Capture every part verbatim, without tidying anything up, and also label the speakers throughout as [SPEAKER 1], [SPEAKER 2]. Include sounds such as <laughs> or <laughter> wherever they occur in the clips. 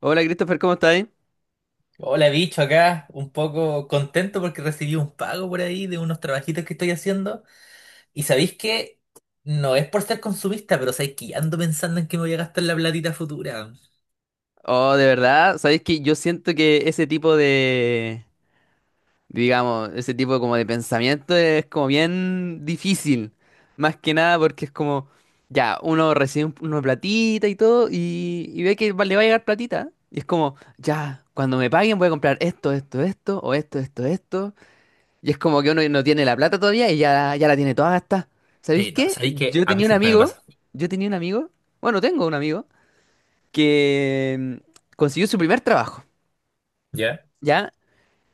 [SPEAKER 1] Hola Christopher, ¿cómo estás?
[SPEAKER 2] Hola, bicho, acá un poco contento porque recibí un pago por ahí de unos trabajitos que estoy haciendo. Y sabéis que no es por ser consumista, pero sabéis que ya ando pensando en que me voy a gastar la platita futura.
[SPEAKER 1] Oh, de verdad, ¿sabes que yo siento que ese tipo de, digamos, ese tipo como de pensamiento es como bien difícil, más que nada porque es como, ya, uno recibe un- una platita y todo y, y ve que va- le va a llegar platita y es como, ya, cuando me paguen voy a comprar esto, esto, esto, o esto, esto, esto, y es como que uno no tiene la plata todavía y ya, ya la tiene toda gastada. ¿Sabéis
[SPEAKER 2] Sí, no,
[SPEAKER 1] qué?
[SPEAKER 2] sabéis que
[SPEAKER 1] Yo
[SPEAKER 2] a mí
[SPEAKER 1] tenía un
[SPEAKER 2] siempre me
[SPEAKER 1] amigo,
[SPEAKER 2] pasa.
[SPEAKER 1] yo tenía un amigo, bueno, tengo un amigo que mm, consiguió su primer trabajo,
[SPEAKER 2] ¿Ya?
[SPEAKER 1] ¿ya?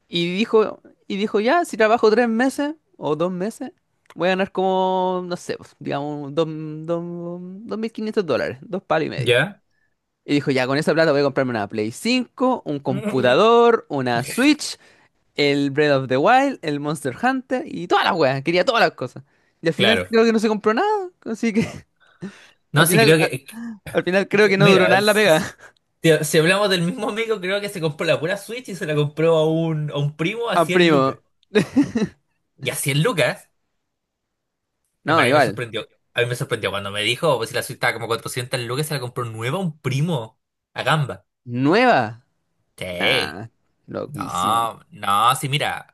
[SPEAKER 1] Y dijo, y dijo, ya, si trabajo tres meses o dos meses, voy a ganar como, no sé, pues, digamos, dos, dos, dos mil quinientos dólares, dos palos y medio.
[SPEAKER 2] ¿Ya?
[SPEAKER 1] Y dijo, ya, con esa plata voy a comprarme una Play cinco, un computador, una Switch, el Breath of the Wild, el Monster Hunter y todas las weas, quería todas las cosas. Y al final
[SPEAKER 2] Claro.
[SPEAKER 1] creo que no se compró nada, así que <laughs> al
[SPEAKER 2] No, sí,
[SPEAKER 1] final,
[SPEAKER 2] creo
[SPEAKER 1] al,
[SPEAKER 2] que,
[SPEAKER 1] al final creo
[SPEAKER 2] que-
[SPEAKER 1] que no duró
[SPEAKER 2] mira,
[SPEAKER 1] nada en la pega.
[SPEAKER 2] s- si, si hablamos del mismo amigo, creo que se compró la pura Switch y se la compró a un, a un primo a
[SPEAKER 1] <laughs> A
[SPEAKER 2] cien lucas.
[SPEAKER 1] primo.
[SPEAKER 2] ¿Y a cien lucas? En
[SPEAKER 1] No,
[SPEAKER 2] verdad, a mí me
[SPEAKER 1] igual.
[SPEAKER 2] sorprendió. A mí me sorprendió cuando me dijo, pues si la suite estaba como cuatrocientas lucas, se la compró nueva a un primo. A gamba.
[SPEAKER 1] ¿Nueva?
[SPEAKER 2] Sí.
[SPEAKER 1] Nah, loquísimo.
[SPEAKER 2] No, no, sí, mira.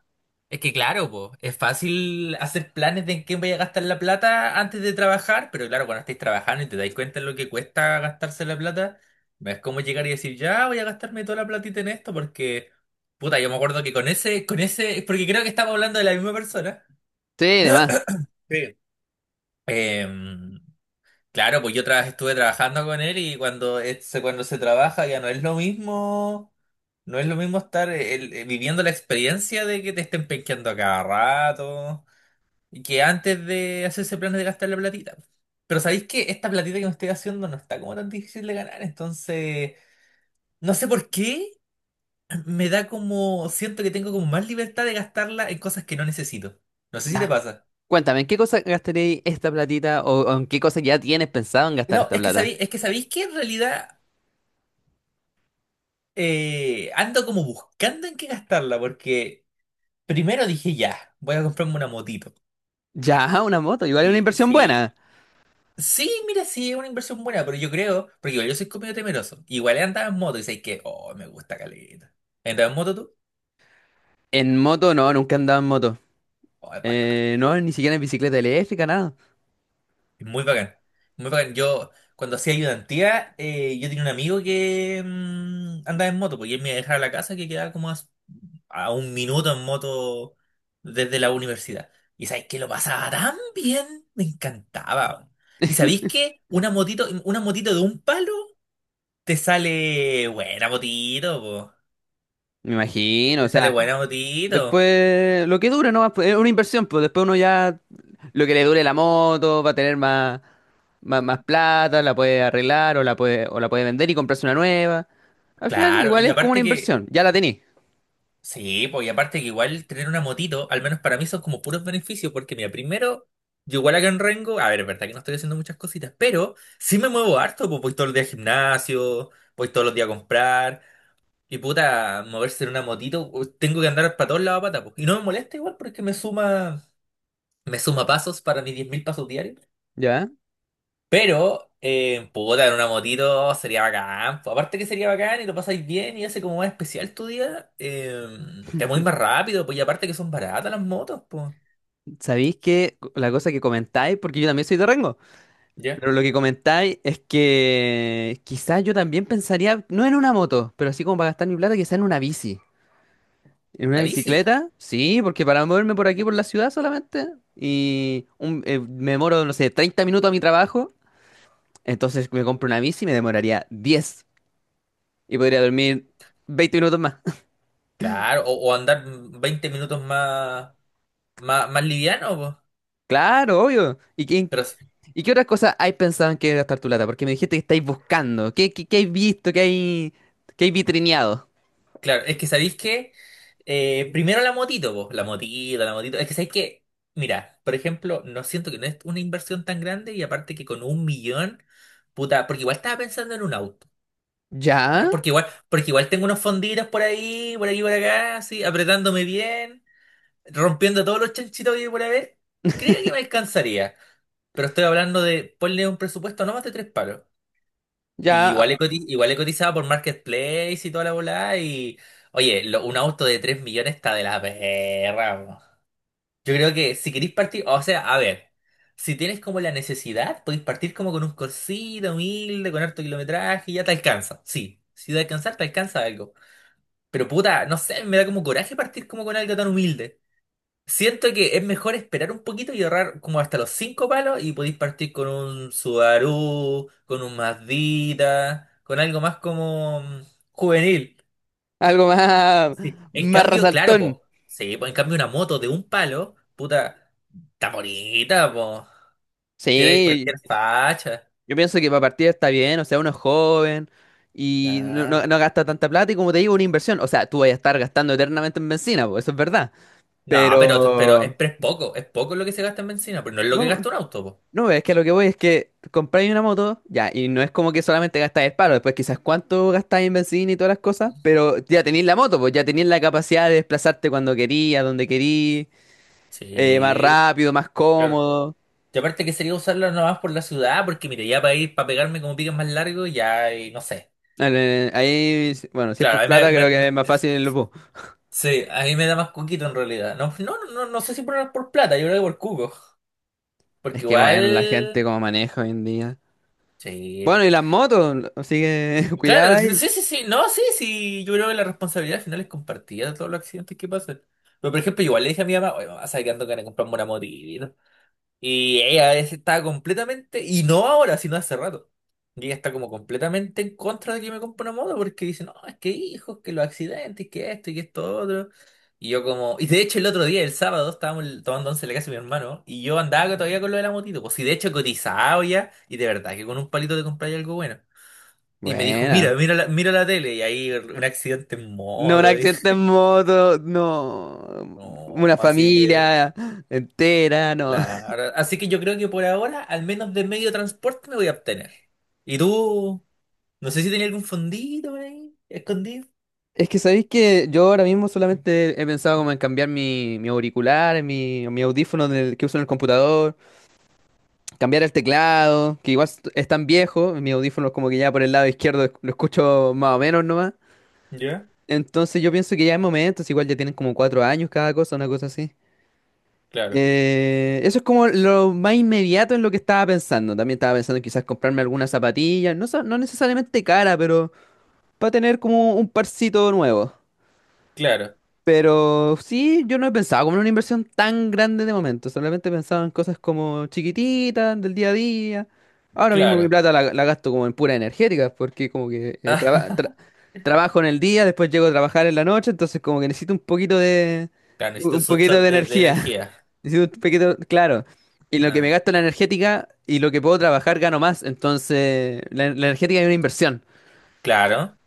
[SPEAKER 2] Es que claro, pues, es fácil hacer planes de en qué voy a gastar la plata antes de trabajar, pero claro, cuando estáis trabajando y te dais cuenta de lo que cuesta gastarse la plata, no es como llegar y decir, ya voy a gastarme toda la platita en esto, porque, puta, yo me acuerdo que con ese, con ese, porque creo que estamos hablando de la misma persona.
[SPEAKER 1] Sí, además.
[SPEAKER 2] Sí. Eh, Claro, pues yo trabajé- estuve trabajando con él y cuando, es- cuando se trabaja ya no es lo mismo, no es lo mismo estar eh, el- eh, viviendo la experiencia de que te estén penqueando a cada rato y que antes de hacerse planes de gastar la platita. Pero sabéis que esta platita que me estoy haciendo no está como tan difícil de ganar, entonces no sé por qué me da como, siento que tengo como más libertad de gastarla en cosas que no necesito. No sé si te
[SPEAKER 1] Ya.
[SPEAKER 2] pasa.
[SPEAKER 1] Cuéntame, ¿en qué cosa gastaréis esta platita o, o en qué cosa ya tienes pensado en gastar
[SPEAKER 2] No,
[SPEAKER 1] esta
[SPEAKER 2] es que
[SPEAKER 1] plata?
[SPEAKER 2] sabéis, es que sabéis que en realidad eh, ando como buscando en qué gastarla, porque primero dije ya, voy a comprarme una motito.
[SPEAKER 1] Ya, <laughs> una moto, igual es una
[SPEAKER 2] Sí,
[SPEAKER 1] inversión
[SPEAKER 2] sí.
[SPEAKER 1] buena.
[SPEAKER 2] Sí, mira, sí, es una inversión buena, pero yo creo, porque igual yo soy comido temeroso. Igual he andado en moto y sé que, oh, me gusta caleta. ¿Has andado en moto tú?
[SPEAKER 1] En moto no, nunca he andado en moto.
[SPEAKER 2] Oh, es bacán.
[SPEAKER 1] Eh, no, ni siquiera en bicicleta eléctrica, nada.
[SPEAKER 2] Es muy bacán. Muy bacán. Yo, cuando hacía ayudantía, eh, yo tenía un amigo que mm, andaba en moto, porque él me iba a dejar a la casa que quedaba como a a un minuto en moto desde la universidad. Y sabéis que lo pasaba tan bien, me encantaba, weón. Y sabéis que una motito, una motito de un palo te sale buena motito, po.
[SPEAKER 1] Me imagino, o
[SPEAKER 2] Te sale
[SPEAKER 1] sea,
[SPEAKER 2] buena motito.
[SPEAKER 1] después lo que dure, ¿no? Es una inversión, pues después uno ya lo que le dure la moto va a tener más, más, más plata, la puede arreglar o la puede, o la puede vender y comprarse una nueva. Al final,
[SPEAKER 2] Claro,
[SPEAKER 1] igual
[SPEAKER 2] y
[SPEAKER 1] es como una
[SPEAKER 2] aparte que,
[SPEAKER 1] inversión, ya la tenés.
[SPEAKER 2] sí, pues, y aparte que igual tener una motito, al menos para mí son como puros beneficios, porque mira, primero, yo igual acá en Rengo, a ver, es verdad que no estoy haciendo muchas cositas, pero sí me muevo harto, pues voy todos los días al gimnasio, voy todos los días a comprar. Y puta, moverse en una motito, u- tengo que andar para todos lados a pata, po. Y no me molesta igual porque me suma, me suma pasos para mis diez mil pasos diarios.
[SPEAKER 1] Ya,
[SPEAKER 2] Pero, eh, puta, en una motito sería bacán, po. Aparte que sería bacán y lo pasáis bien y hace como más especial tu día, eh, te mueves más rápido, pues y aparte que son baratas las motos, pues.
[SPEAKER 1] sabéis que la cosa que comentáis, porque yo también soy de Rengo,
[SPEAKER 2] ¿Ya?
[SPEAKER 1] pero lo que comentáis es que quizás yo también pensaría, no en una moto, pero así como para gastar mi plata, quizás en una bici. ¿En una
[SPEAKER 2] Una bici,
[SPEAKER 1] bicicleta? Sí, porque para moverme por aquí, por la ciudad solamente, y un- eh, me demoro, no sé, treinta minutos a mi trabajo, entonces me compro una bici y me demoraría diez y podría dormir veinte minutos más. <laughs>
[SPEAKER 2] claro. O, o andar veinte minutos más, más, más liviano, pues.
[SPEAKER 1] Claro, obvio. ¿Y quién?
[SPEAKER 2] Pero
[SPEAKER 1] ¿Y qué otras cosas hay pensado en qué gastar tu plata? Porque me dijiste que estáis buscando. ¿Qué, qué, ¿qué hay visto? ¿Qué hay, ¿qué hay vitrineado?
[SPEAKER 2] claro, es que sabéis que eh, primero la motito, vos, la motito, la motito. Es que sabéis que, mira, por ejemplo, no siento que no es una inversión tan grande y aparte que con un millón, puta, porque igual estaba pensando en un auto,
[SPEAKER 1] ¿Ya?
[SPEAKER 2] ¿ya? Porque igual, porque igual tengo unos fonditos por ahí, por aquí, por acá, así, apretándome bien, rompiendo todos los chanchitos que hay por haber. Creo que me
[SPEAKER 1] <laughs>
[SPEAKER 2] alcanzaría, pero estoy hablando de ponle un presupuesto no más de tres palos. Y
[SPEAKER 1] Ya,
[SPEAKER 2] igual he, coti- igual he cotizado por Marketplace y toda la volada. Y oye, lo- un auto de tres millones está de la perra, po. Yo creo que si queréis partir, o sea, a ver, si tienes como la necesidad, podéis partir como con un corsito humilde, con harto kilometraje y ya te alcanza. Sí, si de alcanzar, te alcanza algo. Pero puta, no sé, me da como coraje partir como con algo tan humilde. Siento que es mejor esperar un poquito y ahorrar como hasta los cinco palos y podéis partir con un Subaru, con un Mazdita, con algo más como mm, juvenil.
[SPEAKER 1] algo más,
[SPEAKER 2] Sí. En
[SPEAKER 1] más
[SPEAKER 2] cambio, claro,
[SPEAKER 1] resaltón.
[SPEAKER 2] po. Sí, po, en cambio una moto de un palo, puta, está bonita, po. Tiene
[SPEAKER 1] Sí,
[SPEAKER 2] cualquier facha.
[SPEAKER 1] yo pienso que para partir está bien, o sea, uno es joven y no, no-
[SPEAKER 2] Claro.
[SPEAKER 1] no gasta tanta plata y como te digo, una inversión. O sea, tú vas a estar gastando eternamente en bencina, pues, eso es verdad.
[SPEAKER 2] No, pero, pero es,
[SPEAKER 1] Pero...
[SPEAKER 2] pero es poco, es poco lo que se gasta en benzina, pero no es lo que
[SPEAKER 1] No.
[SPEAKER 2] gasta un auto, po.
[SPEAKER 1] No, es que lo que voy es que compráis una moto, ya, y no es como que solamente gastáis el paro, después quizás cuánto gastáis en benzina y todas las cosas, pero ya tenéis la moto, pues ya tenéis la capacidad de desplazarte cuando querís, a donde querís, eh, más
[SPEAKER 2] Sí,
[SPEAKER 1] rápido, más
[SPEAKER 2] claro.
[SPEAKER 1] cómodo.
[SPEAKER 2] Y aparte que sería usarla nomás por la ciudad, porque mire, ya para ir, para pegarme como piques más largos, ya, y no sé.
[SPEAKER 1] Eh, Ahí, bueno, si es
[SPEAKER 2] Claro,
[SPEAKER 1] por
[SPEAKER 2] a mí
[SPEAKER 1] plata,
[SPEAKER 2] me,
[SPEAKER 1] creo
[SPEAKER 2] me-
[SPEAKER 1] que
[SPEAKER 2] me-
[SPEAKER 1] es más
[SPEAKER 2] es-
[SPEAKER 1] fácil el bus.
[SPEAKER 2] sí, a mí me da más cuquito en realidad. No, no, no, no sé si por, por plata, yo creo que por cuco.
[SPEAKER 1] Es
[SPEAKER 2] Porque
[SPEAKER 1] que bueno, la gente
[SPEAKER 2] igual,
[SPEAKER 1] como maneja hoy en día.
[SPEAKER 2] sí.
[SPEAKER 1] Bueno, y las motos, así que <laughs> cuidado
[SPEAKER 2] Claro,
[SPEAKER 1] ahí.
[SPEAKER 2] sí, sí, sí, no, sí, sí, yo creo que la responsabilidad al final es compartida de todos los accidentes que pasan. Pero por ejemplo, igual le dije a mi mamá, oye, mamá, ¿sabes que ando ganas de comprarme una motito? Y ella es- estaba completamente, y no ahora, sino hace rato. Y ella está como completamente en contra de que me compre una moto porque dice, no, es que hijos, que los accidentes, que esto y que esto otro. Y yo como, y de hecho el otro día, el sábado, estábamos tomando once en la casa de mi hermano y yo andaba todavía con lo de la motito. Pues sí, de hecho he cotizado ya y de verdad que con un palito te compráis algo bueno. Y me dijo,
[SPEAKER 1] Buena.
[SPEAKER 2] mira, mira la, mira la tele y ahí un accidente en
[SPEAKER 1] No, un
[SPEAKER 2] moto. Y,
[SPEAKER 1] accidente en moto,
[SPEAKER 2] <laughs>
[SPEAKER 1] no.
[SPEAKER 2] no,
[SPEAKER 1] Una
[SPEAKER 2] así que...
[SPEAKER 1] familia entera, no. <laughs>
[SPEAKER 2] Claro. Así que yo creo que por ahora, al menos de medio de transporte, me voy a obtener. ¿Y tú? No sé si tenía algún fondito por ahí, escondido.
[SPEAKER 1] Es que sabéis que yo ahora mismo solamente he pensado como en cambiar mi, mi auricular, mi, mi audífono del que uso en el computador, cambiar el teclado, que igual est- es tan viejo, mis audífonos como que ya por el lado izquierdo esc- lo escucho más o menos nomás.
[SPEAKER 2] ¿Ya?
[SPEAKER 1] Entonces yo pienso que ya en momentos, igual ya tienen como cuatro años cada cosa, una cosa así.
[SPEAKER 2] Claro,
[SPEAKER 1] Eh, eso es como lo más inmediato en lo que estaba pensando. También estaba pensando en quizás comprarme algunas zapatillas, no, sa- no necesariamente cara, pero para tener como un parcito nuevo.
[SPEAKER 2] claro,
[SPEAKER 1] Pero sí, yo no he pensado como en una inversión tan grande de momento. Solamente he pensado en cosas como chiquititas, del día a día. Ahora mismo mi
[SPEAKER 2] claro.
[SPEAKER 1] plata la, la gasto como en pura energética, porque como que eh, traba- tra-
[SPEAKER 2] <laughs>
[SPEAKER 1] trabajo en el día, después llego a trabajar en la noche, entonces como que necesito un poquito de
[SPEAKER 2] Claro, necesito
[SPEAKER 1] un
[SPEAKER 2] su
[SPEAKER 1] poquito
[SPEAKER 2] shot
[SPEAKER 1] de
[SPEAKER 2] de, de
[SPEAKER 1] energía.
[SPEAKER 2] energía.
[SPEAKER 1] <laughs> Necesito un poquito, claro. Y lo que me
[SPEAKER 2] Ah,
[SPEAKER 1] gasto en la energética y lo que puedo trabajar gano más. Entonces, la, la energética es una inversión.
[SPEAKER 2] claro.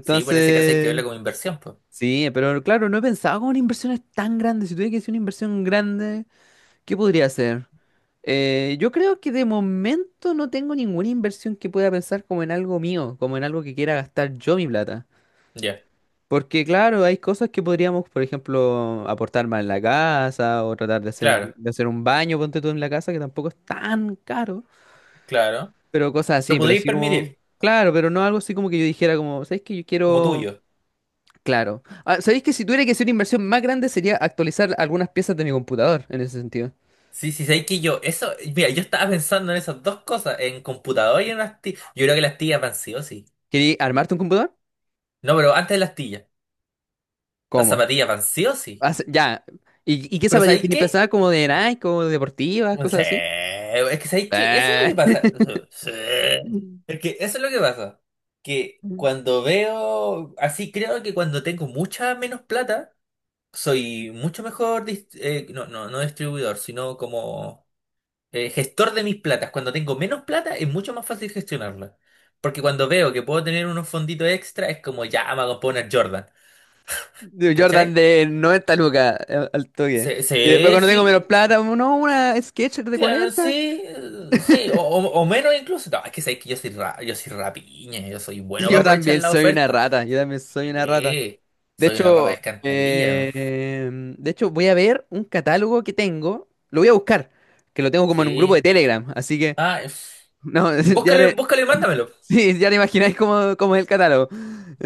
[SPEAKER 2] Sí, pues en ese caso hay que verlo como inversión, pues.
[SPEAKER 1] sí, pero claro, no he pensado como en inversiones tan grandes. Si tuviera que hacer una inversión grande, ¿qué podría hacer? Eh, yo creo que de momento no tengo ninguna inversión que pueda pensar como en algo mío, como en algo que quiera gastar yo mi plata.
[SPEAKER 2] Ya,
[SPEAKER 1] Porque claro, hay cosas que podríamos, por ejemplo, aportar más en la casa o tratar de hacer,
[SPEAKER 2] claro,
[SPEAKER 1] de hacer un baño, ponte tú en la casa, que tampoco es tan caro.
[SPEAKER 2] claro.
[SPEAKER 1] Pero cosas
[SPEAKER 2] Lo
[SPEAKER 1] así, pero
[SPEAKER 2] podríais
[SPEAKER 1] así como...
[SPEAKER 2] permitir,
[SPEAKER 1] Claro, pero no algo así como que yo dijera como, ¿sabes qué? Yo
[SPEAKER 2] como
[SPEAKER 1] quiero...
[SPEAKER 2] tuyo.
[SPEAKER 1] Claro. Ah, ¿sabéis que si tuviera que hacer una inversión más grande sería actualizar algunas piezas de mi computador en ese sentido?
[SPEAKER 2] Sí, sí, sabéis que yo, eso, mira, yo estaba pensando en esas dos cosas, en computador y en las tías. Yo creo que las tías van sí o sí.
[SPEAKER 1] ¿Queréis armarte un computador?
[SPEAKER 2] No, pero antes de las Las
[SPEAKER 1] ¿Cómo?
[SPEAKER 2] zapatillas van sí o sí.
[SPEAKER 1] Hace- ya. ¿Y, y qué
[SPEAKER 2] Pero
[SPEAKER 1] zapatillas
[SPEAKER 2] ¿sabéis
[SPEAKER 1] tiene pensada?
[SPEAKER 2] qué?
[SPEAKER 1] ¿Como de Nike, como deportivas,
[SPEAKER 2] No
[SPEAKER 1] cosas
[SPEAKER 2] sé.
[SPEAKER 1] así?
[SPEAKER 2] Es que ¿sabéis qué? Eso es lo
[SPEAKER 1] Eh,
[SPEAKER 2] que pasa. <laughs> Sí. Es que eso es lo que pasa. Que
[SPEAKER 1] <laughs>
[SPEAKER 2] cuando veo, así creo que cuando tengo mucha menos plata, soy mucho mejor, dis- eh, no, no, no distribuidor, sino como eh, gestor de mis platas. Cuando tengo menos plata es mucho más fácil gestionarla. Porque cuando veo que puedo tener unos fonditos extra, es como ya me voy a poner Jordan.
[SPEAKER 1] de Jordan
[SPEAKER 2] ¿Cachai?
[SPEAKER 1] de noventa lucas eh, al toque.
[SPEAKER 2] Sí,
[SPEAKER 1] Y después
[SPEAKER 2] sí,
[SPEAKER 1] cuando tengo menos
[SPEAKER 2] sí.
[SPEAKER 1] plata, no, una Skechers de
[SPEAKER 2] Claro,
[SPEAKER 1] cuarenta.
[SPEAKER 2] sí, eh, sí, o, o- o menos incluso. No, es que sabéis que yo soy, ra- yo soy rapiña, yo soy
[SPEAKER 1] <laughs>
[SPEAKER 2] bueno para
[SPEAKER 1] Yo
[SPEAKER 2] aprovechar
[SPEAKER 1] también
[SPEAKER 2] la
[SPEAKER 1] soy una
[SPEAKER 2] oferta.
[SPEAKER 1] rata, yo también soy una rata.
[SPEAKER 2] Sí,
[SPEAKER 1] De
[SPEAKER 2] soy una rata de
[SPEAKER 1] hecho,
[SPEAKER 2] alcantarilla.
[SPEAKER 1] eh, de hecho, voy a ver un catálogo que tengo. Lo voy a buscar, que lo tengo como en un grupo de
[SPEAKER 2] Sí.
[SPEAKER 1] Telegram. Así que,
[SPEAKER 2] Ah, es-
[SPEAKER 1] no, <laughs> ya
[SPEAKER 2] búscale,
[SPEAKER 1] te,
[SPEAKER 2] búscale y mándamelo.
[SPEAKER 1] sí, ya te imagináis cómo, cómo es el catálogo.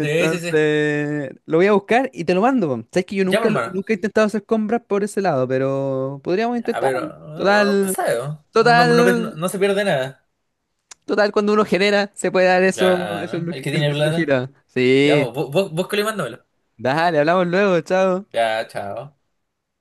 [SPEAKER 2] Sí, sí, sí.
[SPEAKER 1] lo voy a buscar y te lo mando, po. Sabes que yo
[SPEAKER 2] Ya, pues,
[SPEAKER 1] nunca, lo-
[SPEAKER 2] hermano.
[SPEAKER 1] nunca he intentado hacer compras por ese lado, pero podríamos
[SPEAKER 2] A ver,
[SPEAKER 1] intentarlo.
[SPEAKER 2] uno uno nunca
[SPEAKER 1] Total,
[SPEAKER 2] sabe, ¿no? Uno no, no, ve- no-
[SPEAKER 1] total,
[SPEAKER 2] no se pierde nada.
[SPEAKER 1] total, cuando uno genera, se puede dar eso,
[SPEAKER 2] Ya,
[SPEAKER 1] eso, es
[SPEAKER 2] ¿no?
[SPEAKER 1] lo
[SPEAKER 2] El
[SPEAKER 1] que-
[SPEAKER 2] que
[SPEAKER 1] eso
[SPEAKER 2] tiene
[SPEAKER 1] es lo que
[SPEAKER 2] plata.
[SPEAKER 1] gira.
[SPEAKER 2] Ya,
[SPEAKER 1] Sí,
[SPEAKER 2] bú- bú- búscalo y mándamelo.
[SPEAKER 1] dale, hablamos luego, chao.
[SPEAKER 2] Ya, chao.